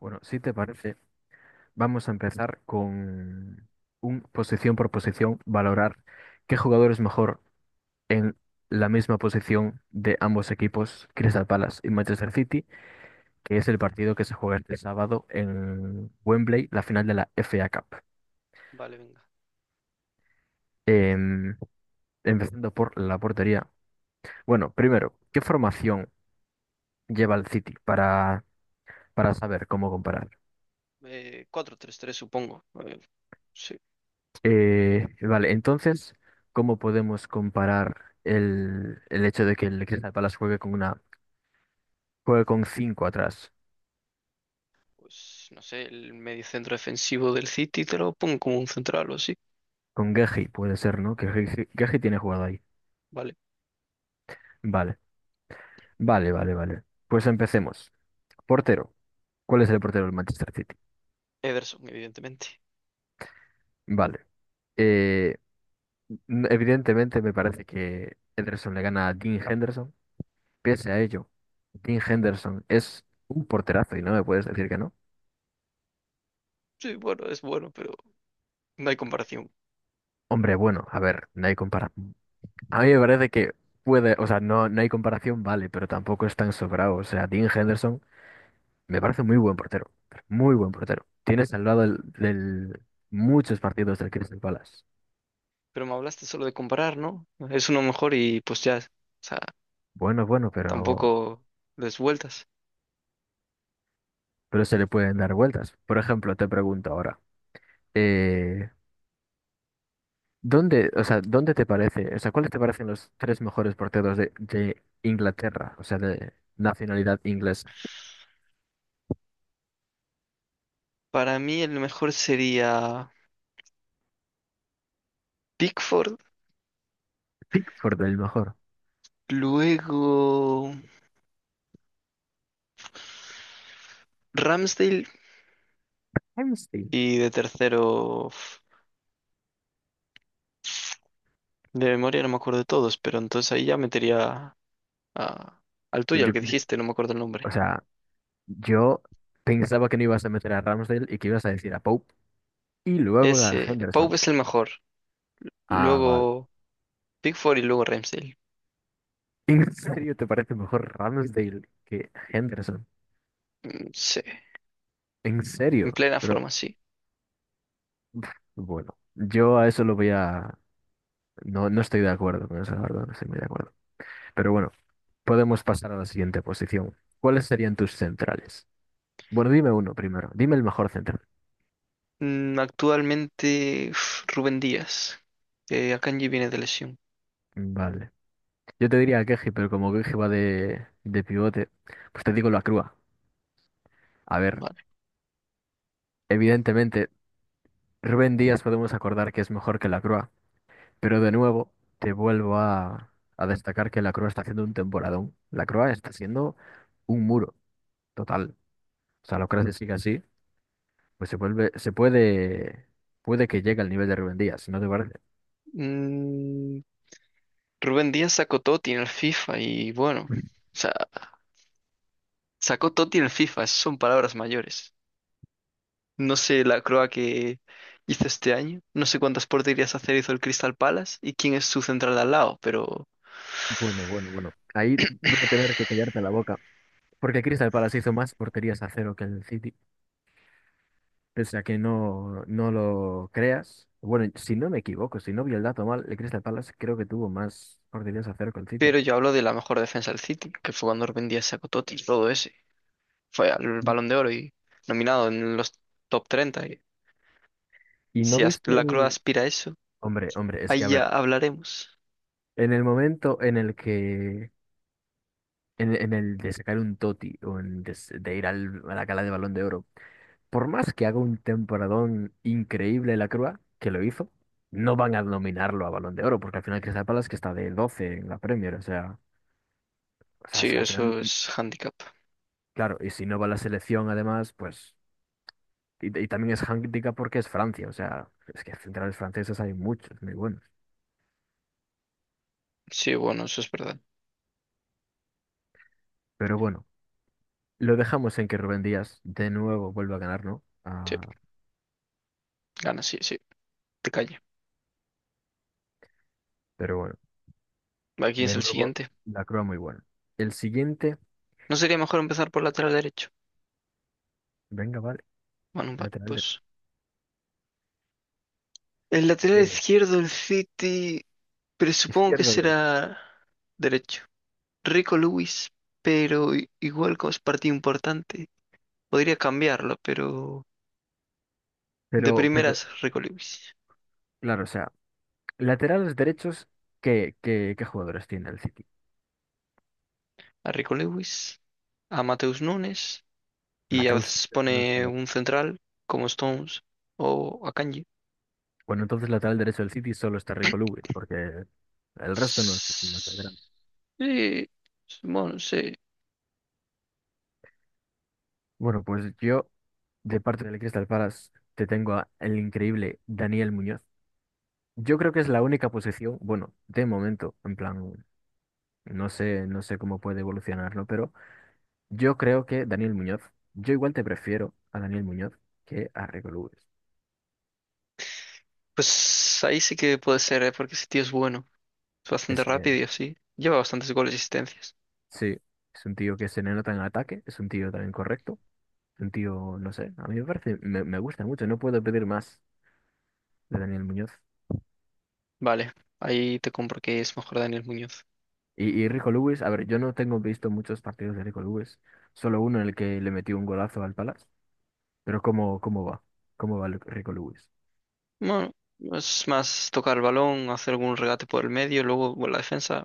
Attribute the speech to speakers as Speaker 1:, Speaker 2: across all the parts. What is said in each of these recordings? Speaker 1: Bueno, si te parece, vamos a empezar con un posición por posición, valorar qué jugador es mejor en la misma posición de ambos equipos, Crystal Palace y Manchester City, que es el partido que se juega este sábado en Wembley, la final de la FA Cup.
Speaker 2: Vale, venga.
Speaker 1: Em, Empezando por la portería. Bueno, primero, ¿qué formación lleva el City para saber cómo comparar?
Speaker 2: 4 tres 3 supongo. Sí,
Speaker 1: Vale, entonces, ¿cómo podemos comparar el hecho de que el Crystal Palace juegue con juegue con cinco atrás?
Speaker 2: pues no sé, el mediocentro defensivo del City te lo pongo como un central o así.
Speaker 1: Con Geji puede ser, ¿no? Que Geji tiene jugado ahí.
Speaker 2: Vale.
Speaker 1: Vale, vale, vale, vale. Pues empecemos. Portero. ¿Cuál es el portero del Manchester City?
Speaker 2: Ederson, evidentemente.
Speaker 1: Vale. Eh, Evidentemente me parece que Henderson le gana a Dean Henderson. Pese a ello, Dean Henderson es un porterazo y no me puedes decir que no.
Speaker 2: Sí, bueno, es bueno, pero no hay comparación.
Speaker 1: Hombre, bueno, a ver, no hay comparación. A mí me parece que puede, o sea, no, no hay comparación, vale, pero tampoco es tan sobrado. O sea, Dean Henderson me parece muy buen portero, pero muy buen portero. Tiene salvado muchos partidos del Crystal Palace.
Speaker 2: Pero me hablaste solo de comparar, ¿no? Es uno mejor y pues ya, o sea,
Speaker 1: Bueno, bueno, pero,
Speaker 2: tampoco des vueltas.
Speaker 1: pero se le pueden dar vueltas. Por ejemplo, te pregunto ahora, eh, ¿dónde, o sea, dónde te parece, o sea, cuáles te parecen los tres mejores porteros de Inglaterra, o sea, de nacionalidad inglesa?
Speaker 2: Para mí el mejor sería Pickford,
Speaker 1: Pickford el mejor.
Speaker 2: luego Ramsdale
Speaker 1: Hamsey.
Speaker 2: y de tercero. De memoria no me acuerdo de todos, pero entonces ahí ya metería a- al tuyo, al
Speaker 1: Yo-
Speaker 2: que dijiste, no me acuerdo el
Speaker 1: o
Speaker 2: nombre.
Speaker 1: sea, yo pensaba que no ibas a meter a Ramsdale y que ibas a decir a Pope y luego a
Speaker 2: Ese,
Speaker 1: Henderson.
Speaker 2: Pau es el mejor.
Speaker 1: Ah, vale.
Speaker 2: Luego Pickford y luego Ramsdale.
Speaker 1: ¿En serio te parece mejor Ramsdale que Henderson?
Speaker 2: Sí,
Speaker 1: ¿En
Speaker 2: en
Speaker 1: serio?
Speaker 2: plena
Speaker 1: Pero
Speaker 2: forma, sí.
Speaker 1: pf, bueno, yo a eso lo voy a... No, no estoy de acuerdo con eso, la verdad, no estoy muy de acuerdo. Pero bueno, podemos pasar a la siguiente posición. ¿Cuáles serían tus centrales? Bueno, dime uno primero, dime el mejor central.
Speaker 2: Actualmente, uf, Rubén Díaz, que Akanji viene de lesión.
Speaker 1: Vale. Yo te diría a Keji, pero como Keji va de pivote, pues te digo la Crua. A ver.
Speaker 2: Vale.
Speaker 1: Evidentemente, Rubén Díaz podemos acordar que es mejor que Lacroix, pero de nuevo te vuelvo a destacar que Lacroix está haciendo un temporadón. Lacroix está siendo un muro total. O sea, Lacroix si sigue así, pues se vuelve, se puede, puede que llegue al nivel de Rubén Díaz, si ¿no te parece?
Speaker 2: Mm, Rubén Díaz sacó Totti en el FIFA y bueno, o sea, sacó Totti en el FIFA, son palabras mayores. No sé la croa que hizo este año. No sé cuántas porterías hacer hizo el Crystal Palace y quién es su central de al lado,
Speaker 1: Bueno, bueno, bueno. Ahí voy a tener que callarte la boca, porque Crystal Palace hizo más porterías a cero que el City. O sea que no, no lo creas. Bueno, si no me equivoco, si no vi el dato mal, el Crystal Palace creo que tuvo más oportunidades a cero con el City.
Speaker 2: pero yo hablo de la mejor defensa del City, que fue cuando Rubén Díaz sacó Totti, todo ese. Fue al
Speaker 1: ¿Y
Speaker 2: Balón de Oro y nominado en los top 30, y
Speaker 1: y
Speaker 2: si
Speaker 1: no viste
Speaker 2: la croa aspira a eso,
Speaker 1: hombre, hombre, es que
Speaker 2: ahí
Speaker 1: a
Speaker 2: ya
Speaker 1: ver,
Speaker 2: hablaremos.
Speaker 1: en el momento en el que, en el de sacar un Toti o en de ir a la gala de Balón de Oro, por más que haga un temporadón increíble la Crua, que lo hizo, no van a nominarlo a Balón de Oro, porque al final Crystal Palace que está de 12 en la Premier, o sea,
Speaker 2: Sí,
Speaker 1: es que al final...
Speaker 2: eso es handicap.
Speaker 1: Claro, y si no va a la selección además, pues y también es handicap porque es Francia, o sea, es que centrales franceses hay muchos, muy buenos.
Speaker 2: Sí, bueno, eso es verdad.
Speaker 1: Pero bueno, lo dejamos en que Rubén Díaz de nuevo vuelva a ganar, ¿no?
Speaker 2: Sí,
Speaker 1: Ah,
Speaker 2: gana, sí, sí. Te calla.
Speaker 1: pero bueno,
Speaker 2: ¿Quién
Speaker 1: de
Speaker 2: es el
Speaker 1: nuevo,
Speaker 2: siguiente?
Speaker 1: la Croa muy buena. El siguiente,
Speaker 2: ¿No sería mejor empezar por lateral derecho?
Speaker 1: venga, vale,
Speaker 2: Bueno, vale,
Speaker 1: lateral derecho.
Speaker 2: pues. El lateral izquierdo del City, presupongo que
Speaker 1: Izquierdo derecho.
Speaker 2: será derecho. Rico Lewis, pero igual como es partido importante, podría cambiarlo, pero de
Speaker 1: Pero, pero,
Speaker 2: primeras Rico Lewis.
Speaker 1: claro, o sea, laterales derechos, ¿qué jugadores tiene el City?
Speaker 2: A Rico Lewis, a Mateus Nunes y a
Speaker 1: Mateus.
Speaker 2: veces
Speaker 1: No es
Speaker 2: pone
Speaker 1: la-
Speaker 2: un central como Stones o a Kanji.
Speaker 1: Bueno, entonces lateral derecho del City solo está Rico Lewis, porque el resto no es no es lateral.
Speaker 2: Sí, bueno, sí.
Speaker 1: Bueno, pues yo de parte del Crystal Palace, te tengo a el increíble Daniel Muñoz. Yo creo que es la única posición, bueno, de momento, en plan, no sé, no sé cómo puede evolucionarlo, pero yo creo que yo igual te prefiero a Daniel Muñoz que a Rico Lewis.
Speaker 2: Pues ahí sí que puede ser, ¿eh? Porque ese tío es bueno. Es bastante
Speaker 1: Es que
Speaker 2: rápido y así. Lleva bastantes goles y asistencias.
Speaker 1: sí, es un tío que se le nota en ataque, es un tío también correcto, es un tío, no sé, a mí me parece, me gusta mucho, no puedo pedir más de Daniel Muñoz.
Speaker 2: Vale, ahí te compro que es mejor Daniel Muñoz.
Speaker 1: Y Rico Lewis, a ver, yo no tengo visto muchos partidos de Rico Lewis, solo uno en el que le metió un golazo al Palace, pero ¿cómo va? ¿Cómo va Rico Lewis?
Speaker 2: Bueno, es más tocar el balón, hacer algún regate por el medio, luego bueno, la defensa,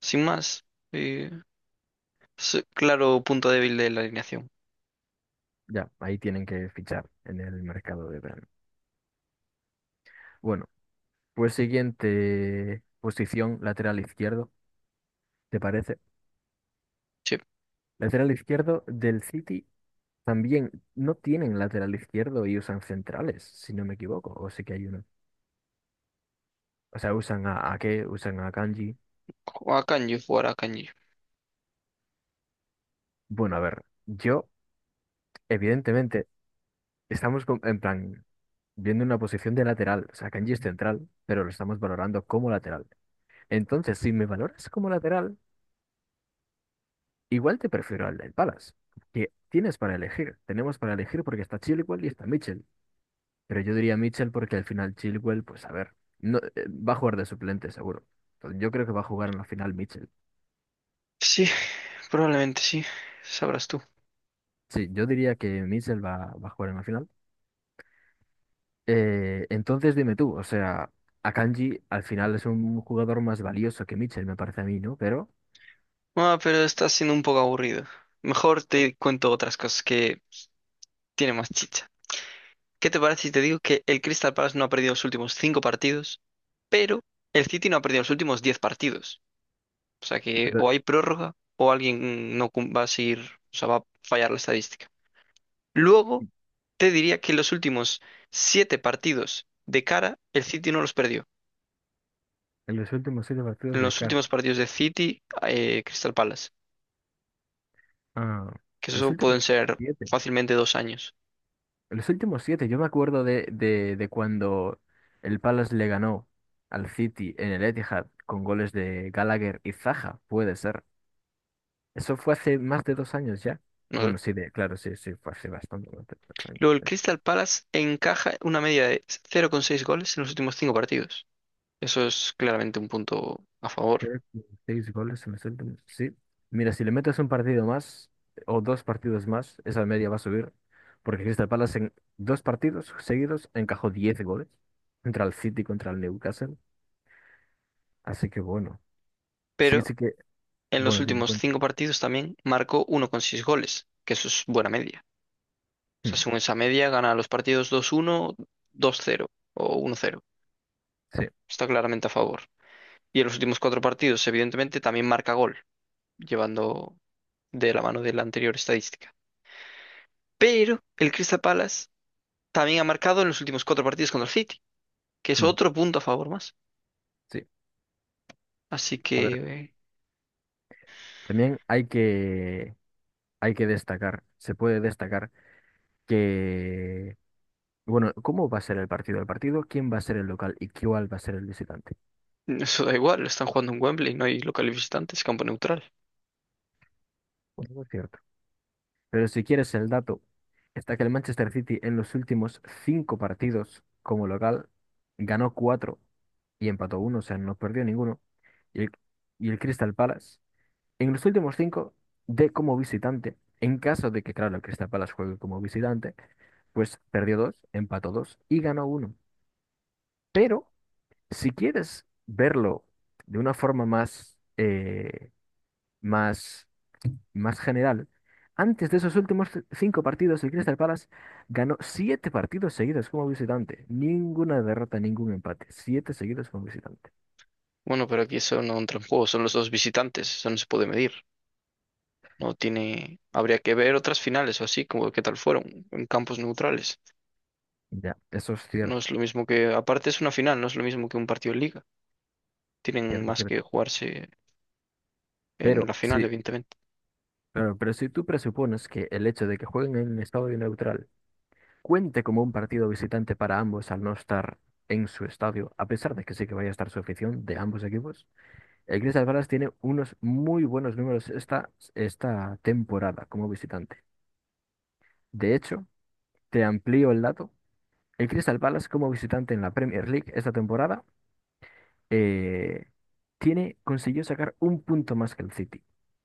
Speaker 2: sin más. Eh, es claro punto débil de la alineación.
Speaker 1: Ya, ahí tienen que fichar en el mercado de verano. Bueno, pues siguiente posición, lateral izquierdo, ¿te parece?
Speaker 2: Sí,
Speaker 1: Lateral izquierdo del City también no tienen lateral izquierdo y usan centrales, si no me equivoco, o sí que hay uno. O sea, usan a qué, usan a Kanji.
Speaker 2: o a Kanji, jugar a Kanji.
Speaker 1: Bueno, a ver, yo, evidentemente, estamos en plan. Viendo una posición de lateral. O sea, Kanji es central, pero lo estamos valorando como lateral. Entonces, si me valoras como lateral, igual te prefiero al del Palace, que tienes para elegir. Tenemos para elegir porque está Chilwell y está Mitchell. Pero yo diría Mitchell porque al final Chilwell, pues a ver, no, va a jugar de suplente seguro. Entonces, yo creo que va a jugar en la final Mitchell.
Speaker 2: Sí, probablemente sí, sabrás tú.
Speaker 1: Sí, yo diría que Mitchell va a jugar en la final. Entonces, dime tú, o sea, Akanji al final es un jugador más valioso que Mitchell, me parece a mí, ¿no? Pero...
Speaker 2: Ah, pero está siendo un poco aburrido. Mejor te cuento otras cosas que tienen más chicha. ¿Qué te parece si te digo que el Crystal Palace no ha perdido los últimos 5 partidos, pero el City no ha perdido los últimos 10 partidos? O sea que
Speaker 1: Pero-
Speaker 2: o hay prórroga o alguien no va a seguir, o sea, va a fallar la estadística. Luego, te diría que los últimos 7 partidos de cara, el City no los perdió.
Speaker 1: En los últimos siete
Speaker 2: En
Speaker 1: partidos de
Speaker 2: los
Speaker 1: CAR.
Speaker 2: últimos partidos de City, Crystal Palace,
Speaker 1: Ah,
Speaker 2: que
Speaker 1: los
Speaker 2: eso
Speaker 1: últimos
Speaker 2: pueden ser
Speaker 1: siete.
Speaker 2: fácilmente 2 años,
Speaker 1: Los últimos siete. Yo me acuerdo de cuando el Palace le ganó al City en el Etihad con goles de Gallagher y Zaha, puede ser. Eso fue hace más de dos años ya.
Speaker 2: ¿no?
Speaker 1: Bueno, sí, de, claro, sí, sí, fue hace bastante, bastante
Speaker 2: Luego, el
Speaker 1: años.
Speaker 2: Crystal Palace encaja una media de 0,6 goles en los últimos 5 partidos. Eso es claramente un punto a favor.
Speaker 1: Creo que seis goles se me sueltan. Sí. Mira, si le metes un partido más o dos partidos más, esa media va a subir. Porque Crystal Palace en dos partidos seguidos encajó 10 goles contra el City, contra el Newcastle. Así que bueno, sí,
Speaker 2: Pero
Speaker 1: sí que,
Speaker 2: en los
Speaker 1: bueno, ten en
Speaker 2: últimos
Speaker 1: cuenta.
Speaker 2: cinco partidos también marcó 1,6 goles, que eso es buena media. O sea,
Speaker 1: Mm,
Speaker 2: según esa media, gana los partidos 2-1, 2-0 o 1-0.
Speaker 1: sí,
Speaker 2: Está claramente a favor. Y en los últimos 4 partidos, evidentemente, también marca gol, llevando de la mano de la anterior estadística. Pero el Crystal Palace también ha marcado en los últimos cuatro partidos contra el City, que es
Speaker 1: mm,
Speaker 2: otro punto a favor más.
Speaker 1: sí.
Speaker 2: Así
Speaker 1: A
Speaker 2: que
Speaker 1: ver, también hay que destacar, se puede destacar que, bueno, ¿cómo va a ser el partido? El partido, ¿quién va a ser el local y cuál va a ser el visitante?
Speaker 2: eso da igual, están jugando en Wembley, no hay local visitante, es campo neutral.
Speaker 1: Bueno, es cierto. Pero si quieres el dato, está que el Manchester City en los últimos cinco partidos como local ganó cuatro y empató uno, o sea, no perdió ninguno. Y el, y el Crystal Palace, en los últimos cinco, de como visitante, en caso de que, claro, el Crystal Palace juegue como visitante, pues perdió dos, empató dos y ganó uno. Pero si quieres verlo de una forma más, más más general. Antes de esos últimos cinco partidos, el Crystal Palace ganó siete partidos seguidos como visitante. Ninguna derrota, ningún empate. Siete seguidos como visitante.
Speaker 2: Bueno, pero aquí eso no entra en juego, son los dos visitantes, eso no se puede medir. No tiene, habría que ver otras finales o así, como qué tal fueron, en campos neutrales.
Speaker 1: Ya, eso es
Speaker 2: No
Speaker 1: cierto,
Speaker 2: es lo mismo que, aparte es una final, no es lo mismo que un partido de liga. Tienen
Speaker 1: cierto,
Speaker 2: más que
Speaker 1: cierto.
Speaker 2: jugarse en
Speaker 1: Pero
Speaker 2: la final,
Speaker 1: sí,
Speaker 2: evidentemente.
Speaker 1: pero si tú presupones que el hecho de que jueguen en un estadio neutral cuente como un partido visitante para ambos al no estar en su estadio, a pesar de que sí que vaya a estar su afición de ambos equipos, el Crystal Palace tiene unos muy buenos números esta temporada como visitante. De hecho, te amplío el dato. El Crystal Palace como visitante en la Premier League esta temporada eh, tiene, consiguió sacar un punto más que el City.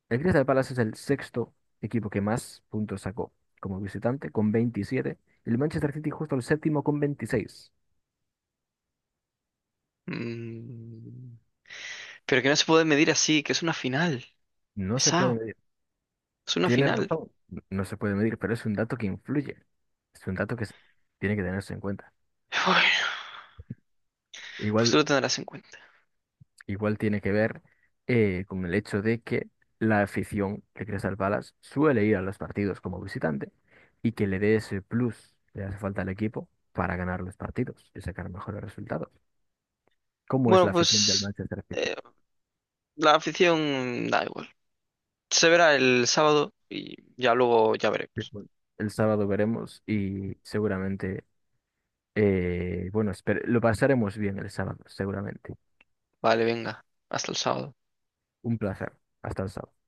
Speaker 1: El Crystal Palace es el sexto equipo que más puntos sacó como visitante con 27 y el Manchester City justo el séptimo con 26.
Speaker 2: Mm, Pero que no se puede medir así, que es una final.
Speaker 1: No se puede
Speaker 2: Pesado,
Speaker 1: medir.
Speaker 2: es una
Speaker 1: Tienes
Speaker 2: final.
Speaker 1: razón, no se puede medir, pero es un dato que influye. Es un dato que tiene que tenerse en cuenta.
Speaker 2: Bueno, pues
Speaker 1: Igual
Speaker 2: tú lo tendrás en cuenta.
Speaker 1: igual tiene que ver con el hecho de que la afición de Crystal Palace suele ir a los partidos como visitante y que le dé ese plus que le hace falta al equipo para ganar los partidos y sacar mejores resultados. ¿Cómo es
Speaker 2: Bueno,
Speaker 1: la afición del
Speaker 2: pues
Speaker 1: Manchester City?
Speaker 2: eh, la afición da igual. Se verá el sábado y ya luego ya
Speaker 1: Sí,
Speaker 2: veremos.
Speaker 1: bueno, el sábado veremos y seguramente, bueno, lo pasaremos bien el sábado, seguramente.
Speaker 2: Vale, venga, hasta el sábado.
Speaker 1: Un placer. Hasta el sábado.